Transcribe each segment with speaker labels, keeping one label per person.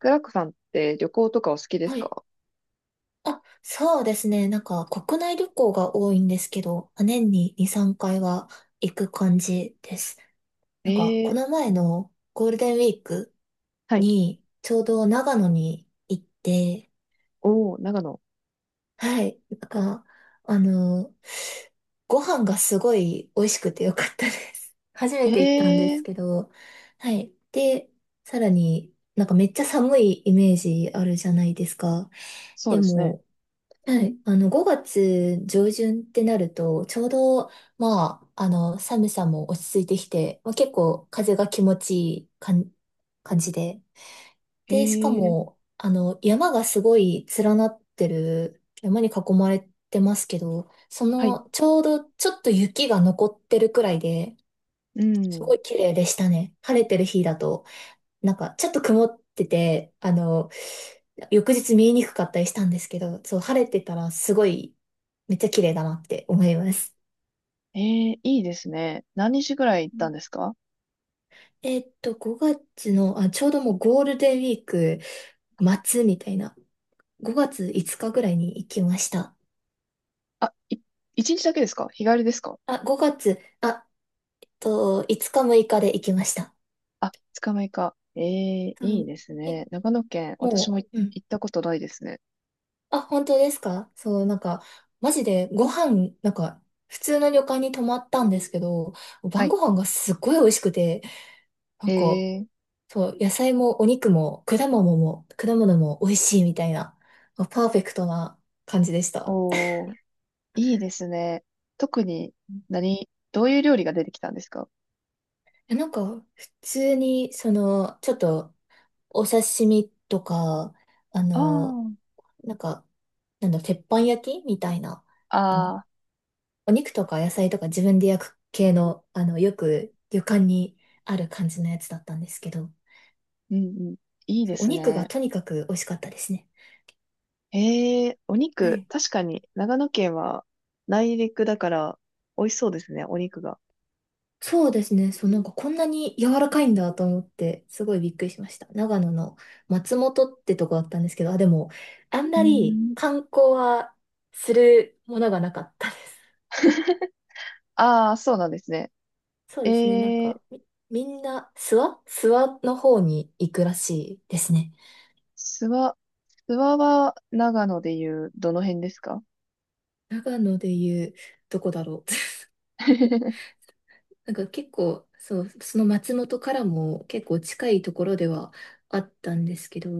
Speaker 1: クラックさんって旅行とかお好きで
Speaker 2: は
Speaker 1: す
Speaker 2: い。
Speaker 1: か？
Speaker 2: そうですね。なんか国内旅行が多いんですけど、年に2、3回は行く感じです。なんかこ
Speaker 1: ええ、
Speaker 2: の前のゴールデンウィーク
Speaker 1: はい。
Speaker 2: にちょうど長野に行って、
Speaker 1: おー、長野。
Speaker 2: はい。あの、ご飯がすごい美味しくてよかったです。初めて行ったんです
Speaker 1: ええ、
Speaker 2: けど、はい。で、さらになんかめっちゃ寒いイメージあるじゃないですか。
Speaker 1: そう
Speaker 2: で
Speaker 1: ですね。
Speaker 2: も、はい。5月上旬ってなると、ちょうど、寒さも落ち着いてきて、結構風が気持ちいい感じで。で、しか
Speaker 1: ええ、
Speaker 2: も、山がすごい連なってる、山に囲まれてますけど、
Speaker 1: はい。
Speaker 2: ちょうどちょっと雪が残ってるくらいで、
Speaker 1: う
Speaker 2: す
Speaker 1: ん。
Speaker 2: ごい綺麗でしたね。晴れてる日だと、ちょっと曇ってて、翌日見えにくかったりしたんですけど、そう、晴れてたらすごい、めっちゃ綺麗だなって思います。
Speaker 1: ええ、いいですね。何日ぐらい行っ
Speaker 2: う
Speaker 1: たん
Speaker 2: ん。
Speaker 1: ですか？
Speaker 2: 5月の、あ、ちょうどもうゴールデンウィーク末みたいな、5月5日ぐらいに行きました。
Speaker 1: あ、い、一日だけですか？日帰りですか？
Speaker 2: あ、5月、5日6日で行きました。
Speaker 1: あ、二日目か。ええ、
Speaker 2: う
Speaker 1: いい
Speaker 2: ん、
Speaker 1: です
Speaker 2: え、
Speaker 1: ね。長野県、私も
Speaker 2: も
Speaker 1: い
Speaker 2: う、うん。
Speaker 1: 行ったことないですね。
Speaker 2: あ、本当ですか。そう、マジでご飯、普通の旅館に泊まったんですけど、
Speaker 1: は
Speaker 2: 晩
Speaker 1: い。
Speaker 2: ご飯がすっごい美味しくて、な
Speaker 1: え
Speaker 2: んか、
Speaker 1: え、
Speaker 2: そう、野菜もお肉も果物も、果物も美味しいみたいな、パーフェクトな感じでした。
Speaker 1: おー、いいですね。特に、何、どういう料理が出てきたんですか？
Speaker 2: え、普通に、その、ちょっと、お刺身とか、あ
Speaker 1: ああ
Speaker 2: の、
Speaker 1: ー、
Speaker 2: なんか、なんだ、鉄板焼きみたいな、あ
Speaker 1: あ
Speaker 2: の、
Speaker 1: あ、
Speaker 2: お肉とか野菜とか自分で焼く系の、よく旅館にある感じのやつだったんですけど、
Speaker 1: うんうん。いいで
Speaker 2: そうお
Speaker 1: す
Speaker 2: 肉が
Speaker 1: ね。
Speaker 2: とにかく美味しかったですね。
Speaker 1: ええ、お
Speaker 2: は
Speaker 1: 肉、
Speaker 2: い。
Speaker 1: 確かに長野県は内陸だから美味しそうですね、お肉が。
Speaker 2: そうですね。そう、なんかこんなに柔らかいんだと思って、すごいびっくりしました。長野の松本ってとこだったんですけど、あ、でも、あん
Speaker 1: うー
Speaker 2: まり
Speaker 1: ん。
Speaker 2: 観光はするものがなかったです。
Speaker 1: ああ、そうなんですね。
Speaker 2: そうですね。
Speaker 1: ええ、
Speaker 2: みんな、諏訪の方に行くらしいですね。
Speaker 1: 諏訪、諏訪は長野でいうどの辺ですか？
Speaker 2: 長野でいう、どこだろう。なんか結構、そう、その松本からも結構近いところではあったんですけど、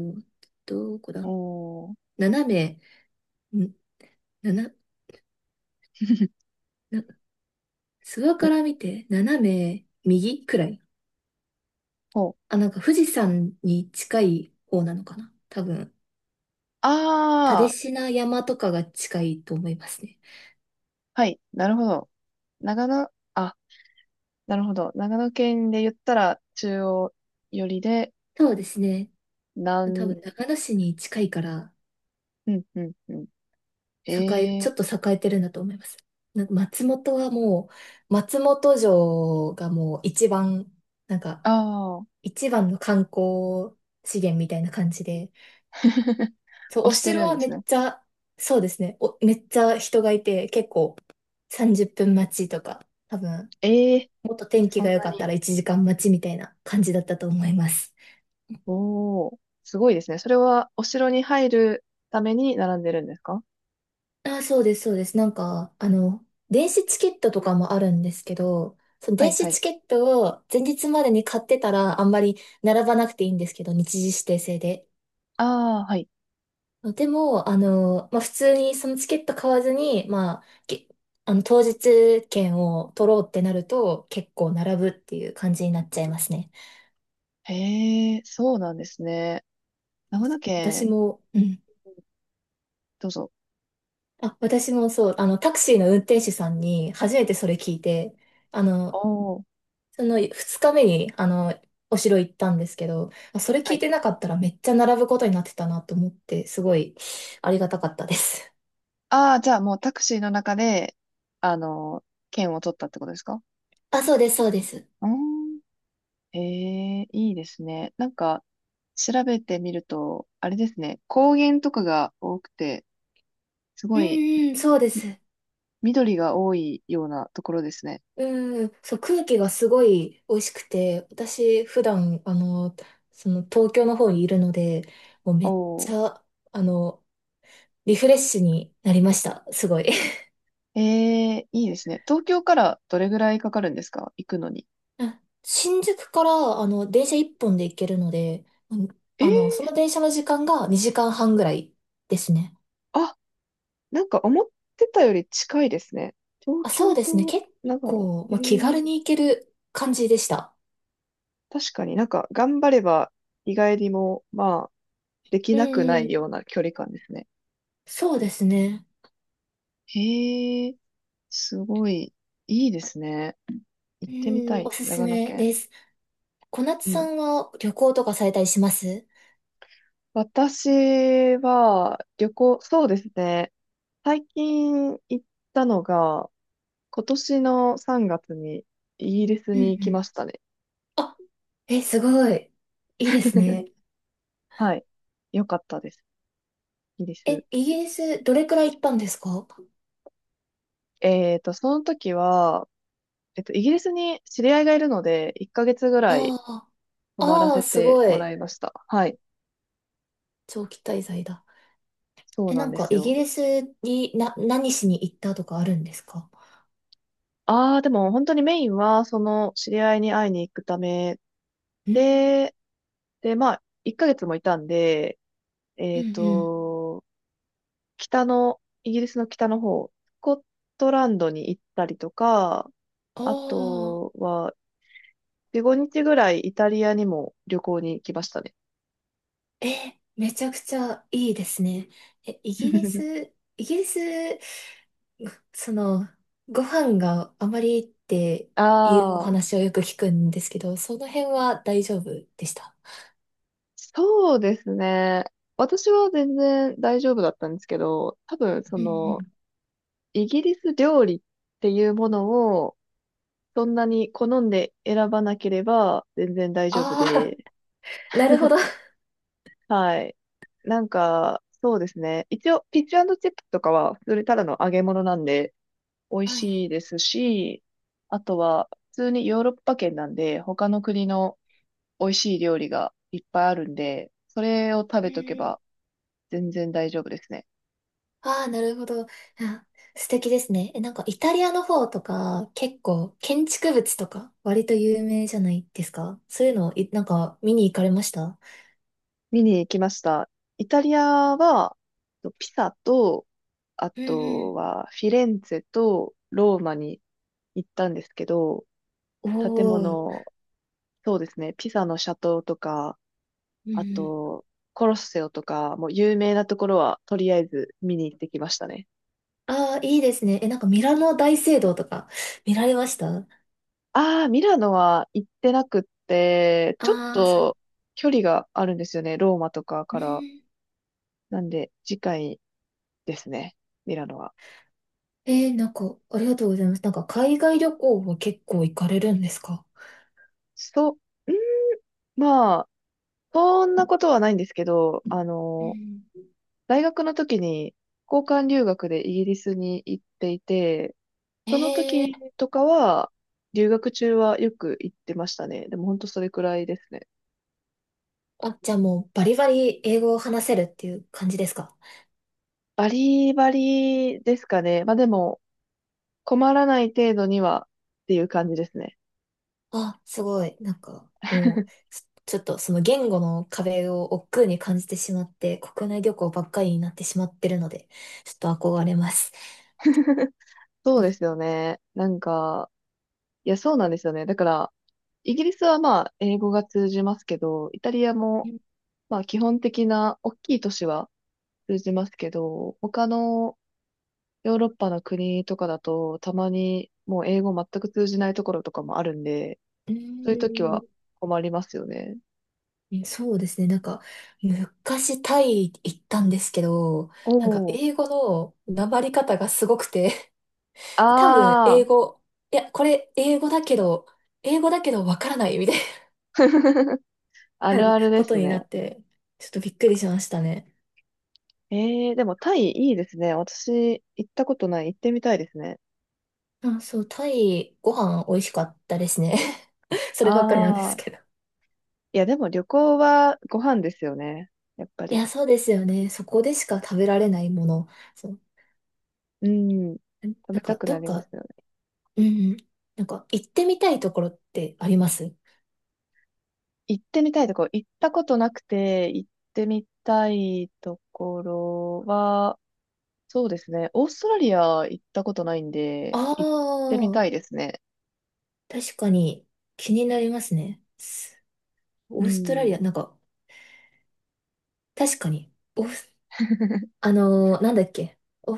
Speaker 2: どこだ。
Speaker 1: おー、ん、
Speaker 2: 斜め、ん、なな、な、諏訪から見て斜め右くらい。
Speaker 1: ほう。
Speaker 2: あ、なんか富士山に近い方なのかな多分、蓼
Speaker 1: ああ、
Speaker 2: 科山とかが近いと思いますね。
Speaker 1: はい、なるほど。長野、あ、なるほど。長野県で言ったら中央寄りで、
Speaker 2: そうですね。多
Speaker 1: 南、
Speaker 2: 分、長野市に近いから、
Speaker 1: うん、うん、うん。
Speaker 2: 栄え、
Speaker 1: え
Speaker 2: ちょ
Speaker 1: え、
Speaker 2: っと栄えてるんだと思います。なんか松本城がもう一番、なんか、
Speaker 1: ああ、
Speaker 2: 一番の観光資源みたいな感じで、そう、お
Speaker 1: 押して
Speaker 2: 城
Speaker 1: るん
Speaker 2: は
Speaker 1: で
Speaker 2: め
Speaker 1: すね。
Speaker 2: っちゃ、そうですね、めっちゃ人がいて、結構30分待ちとか、多分、
Speaker 1: ええ、
Speaker 2: もっと天気
Speaker 1: そ
Speaker 2: が
Speaker 1: ん
Speaker 2: 良
Speaker 1: な
Speaker 2: かっ
Speaker 1: に。
Speaker 2: たら1時間待ちみたいな感じだったと思います。
Speaker 1: おー、すごいですね。それは、お城に入るために並んでるんですか？
Speaker 2: あ、そうです、そうです。電子チケットとかもあるんですけど、その
Speaker 1: は
Speaker 2: 電
Speaker 1: いは
Speaker 2: 子
Speaker 1: い。
Speaker 2: チケットを前日までに買ってたらあんまり並ばなくていいんですけど、日時指定制で。
Speaker 1: ああ、はい。
Speaker 2: でも、普通にそのチケット買わずに、当日券を取ろうってなると結構並ぶっていう感じになっちゃいますね。
Speaker 1: へえ、そうなんですね。
Speaker 2: そう
Speaker 1: 長
Speaker 2: そ
Speaker 1: 野
Speaker 2: う私
Speaker 1: 県、
Speaker 2: も、うん。
Speaker 1: どうぞ。
Speaker 2: あ、私もそう、タクシーの運転手さんに初めてそれ聞いて、あ
Speaker 1: お
Speaker 2: の、
Speaker 1: ー、
Speaker 2: その2日目に、お城行ったんですけど、あそれ
Speaker 1: は
Speaker 2: 聞い
Speaker 1: い。
Speaker 2: てなかったらめっちゃ並ぶことになってたなと思って、すごいありがたかったです。
Speaker 1: ああ、じゃあもうタクシーの中で、あの、券を取ったってことですか？
Speaker 2: あ、そうです、そうです。
Speaker 1: うーん。ええ、いいですね。なんか、調べてみると、あれですね。高原とかが多くて、す
Speaker 2: う
Speaker 1: ごい
Speaker 2: んうん、そうです。
Speaker 1: 緑が多いようなところですね。
Speaker 2: うん、そう、空気がすごい美味しくて、私、普段、その東京の方にいるので、もうめっ
Speaker 1: おー。
Speaker 2: ちゃ、あの、リフレッシュになりました。すごい。
Speaker 1: ええ、いいですね。東京からどれぐらいかかるんですか、行くのに。
Speaker 2: あ、新宿から、電車一本で行けるので、うん、
Speaker 1: え
Speaker 2: そ
Speaker 1: え、
Speaker 2: の電車の時間が2時間半ぐらいですね。
Speaker 1: あ、なんか思ってたより近いですね。東
Speaker 2: あ、そ
Speaker 1: 京
Speaker 2: うですね。
Speaker 1: と
Speaker 2: 結
Speaker 1: 長野。
Speaker 2: 構、
Speaker 1: ええ、
Speaker 2: 気軽に行ける感じでした。
Speaker 1: 確かになんか頑張れば意外にも、まあ、でき
Speaker 2: う
Speaker 1: なくな
Speaker 2: ん、
Speaker 1: いような距離感ですね。
Speaker 2: そうですね。
Speaker 1: へえ、すごい、いいですね。行ってみた
Speaker 2: うん、お
Speaker 1: い、
Speaker 2: すす
Speaker 1: 長野
Speaker 2: め
Speaker 1: 県。
Speaker 2: です。小夏
Speaker 1: う
Speaker 2: さ
Speaker 1: ん。
Speaker 2: んは旅行とかされたりします？
Speaker 1: 私は旅行、そうですね。最近行ったのが、今年の3月にイギリス
Speaker 2: うんう
Speaker 1: に行き
Speaker 2: ん。
Speaker 1: ましたね。
Speaker 2: あ、え、すごい。いいです ね。
Speaker 1: はい。よかったです。イギリス。
Speaker 2: え、イギリスどれくらい行ったんですか？
Speaker 1: その時は、イギリスに知り合いがいるので、1ヶ月ぐらい
Speaker 2: ああ、
Speaker 1: 泊まら
Speaker 2: あーあー、
Speaker 1: せ
Speaker 2: す
Speaker 1: て
Speaker 2: ご
Speaker 1: もら
Speaker 2: い。
Speaker 1: いました。はい。
Speaker 2: 長期滞在だ。
Speaker 1: そう
Speaker 2: え、
Speaker 1: な
Speaker 2: な
Speaker 1: ん
Speaker 2: ん
Speaker 1: で
Speaker 2: か、
Speaker 1: す
Speaker 2: イギ
Speaker 1: よ。
Speaker 2: リスにな、何しに行ったとかあるんですか？
Speaker 1: ああ、でも本当にメインは、その知り合いに会いに行くため
Speaker 2: うん、
Speaker 1: で、で、まあ、1ヶ月もいたんで、
Speaker 2: う
Speaker 1: え
Speaker 2: ん、
Speaker 1: っ
Speaker 2: うん。
Speaker 1: と、北の、イギリスの北の方、スコットランドに行ったりとか、
Speaker 2: あ
Speaker 1: あ
Speaker 2: あ、
Speaker 1: とは、4、5日ぐらいイタリアにも旅行に行きましたね。
Speaker 2: え、めちゃくちゃいいですね。え、イギリ ス、イギリス、その、ご飯があまりっていうお
Speaker 1: ああ、
Speaker 2: 話をよく聞くんですけど、その辺は大丈夫でした？
Speaker 1: そうですね。私は全然大丈夫だったんですけど、多分そ
Speaker 2: うんう
Speaker 1: の、
Speaker 2: ん。
Speaker 1: イギリス料理っていうものを、そんなに好んで選ばなければ全然大丈夫
Speaker 2: ああ、
Speaker 1: で、
Speaker 2: なるほど。
Speaker 1: はい。なんか、そうですね。一応、ピッチチップとかは、それただの揚げ物なんで、美味
Speaker 2: はい。
Speaker 1: しいですし、あとは普通にヨーロッパ圏なんで、他の国の美味しい料理がいっぱいあるんで、それを食
Speaker 2: う
Speaker 1: べとけ
Speaker 2: ん。
Speaker 1: ば全然大丈夫ですね。
Speaker 2: ああ、なるほど。あ、素敵ですね。え、なんかイタリアの方とか結構建築物とか割と有名じゃないですか。そういうのを、なんか見に行かれました？
Speaker 1: 見に行きました。イタリアは、ピサと、あ
Speaker 2: う
Speaker 1: と
Speaker 2: ん
Speaker 1: はフィレンツェとローマに行ったんですけど、
Speaker 2: うん。
Speaker 1: 建
Speaker 2: おー。
Speaker 1: 物、そうですね、ピサの斜塔とか、
Speaker 2: うんう
Speaker 1: あ
Speaker 2: ん。
Speaker 1: と、コロッセオとか、もう有名なところはとりあえず見に行ってきましたね。
Speaker 2: ああ、いいですね。え、なんかミラノ大聖堂とか見られました？
Speaker 1: ああ、ミラノは行ってなくって、ちょっ
Speaker 2: あー、さ、
Speaker 1: と距離があるんですよね。ローマとか
Speaker 2: う
Speaker 1: から。
Speaker 2: ん。
Speaker 1: なんで、次回ですね。ミラノは。
Speaker 2: えーなんかありがとうございます。なんか海外旅行は結構行かれるんですか？
Speaker 1: そう、ん、まあ、そんなことはないんですけど、
Speaker 2: うん。
Speaker 1: 大学の時に交換留学でイギリスに行っていて、その
Speaker 2: え
Speaker 1: 時
Speaker 2: え。
Speaker 1: とかは、留学中はよく行ってましたね。でも本当それくらいですね。
Speaker 2: あ、じゃあもうバリバリ英語を話せるっていう感じですか？
Speaker 1: バリバリですかね。まあでも、困らない程度にはっていう感じですね。
Speaker 2: あ、すごい。なんか、もう、ょっとその言語の壁を億劫に感じてしまって、国内旅行ばっかりになってしまってるので、ちょっと憧れます。
Speaker 1: そうですよね。なんか、いや、そうなんですよね。だから、イギリスはまあ、英語が通じますけど、イタリア
Speaker 2: う
Speaker 1: も
Speaker 2: ん
Speaker 1: まあ、基本的な大きい都市は通じますけど、他のヨーロッパの国とかだと、たまにもう英語全く通じないところとかもあるんで、
Speaker 2: う
Speaker 1: そういう時は
Speaker 2: ー
Speaker 1: 困りますよね。
Speaker 2: んそうですね。なんか、昔タイ行ったんですけど、
Speaker 1: お
Speaker 2: なんか
Speaker 1: ー。
Speaker 2: 英語のなまり方がすごくて、多分英
Speaker 1: ああ、
Speaker 2: 語、いや、これ英語だけど、英語だけどわからないみたいな
Speaker 1: あるある で
Speaker 2: こ
Speaker 1: す
Speaker 2: とにな
Speaker 1: ね。
Speaker 2: って、ちょっとびっくりしましたね。
Speaker 1: ええ、でもタイいいですね。私、行ったことない。行ってみたいですね。
Speaker 2: あ、そう、タイご飯美味しかったですね。そればっかりなんです
Speaker 1: ああ、
Speaker 2: けど。
Speaker 1: いや、でも旅行はご飯ですよね。やっぱ
Speaker 2: い
Speaker 1: り。
Speaker 2: や、そうですよね。そこでしか食べられないもの。そう。
Speaker 1: うん。食べ
Speaker 2: なん
Speaker 1: た
Speaker 2: か、
Speaker 1: くな
Speaker 2: どっ
Speaker 1: りま
Speaker 2: か、
Speaker 1: すよね。
Speaker 2: うんうん。なんか、行ってみたいところってあります？
Speaker 1: 行ってみたいとこ、行ったことなくて、行ってみたいところは、そうですね。オーストラリア行ったことないん
Speaker 2: あ
Speaker 1: で、
Speaker 2: あ
Speaker 1: 行ってみた
Speaker 2: ー、
Speaker 1: いですね。
Speaker 2: 確かに気になりますね。す、オ
Speaker 1: う
Speaker 2: ーストラリア、
Speaker 1: ん。
Speaker 2: なんか、確かに、オース、あのーなんだっけ、お、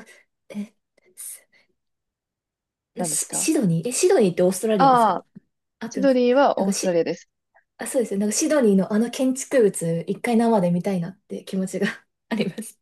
Speaker 2: え、す
Speaker 1: 何ですか？
Speaker 2: シドニー、え、シドニーってオーストラリアです
Speaker 1: ああ
Speaker 2: か？
Speaker 1: ー、
Speaker 2: 合っ
Speaker 1: シ
Speaker 2: てま
Speaker 1: ド
Speaker 2: す？
Speaker 1: ニーは
Speaker 2: なん
Speaker 1: オ
Speaker 2: か
Speaker 1: ーストラリ
Speaker 2: し、
Speaker 1: アです。
Speaker 2: あ、そうですよ。なんかシドニーのあの建築物、一回生で見たいなって気持ちが あります。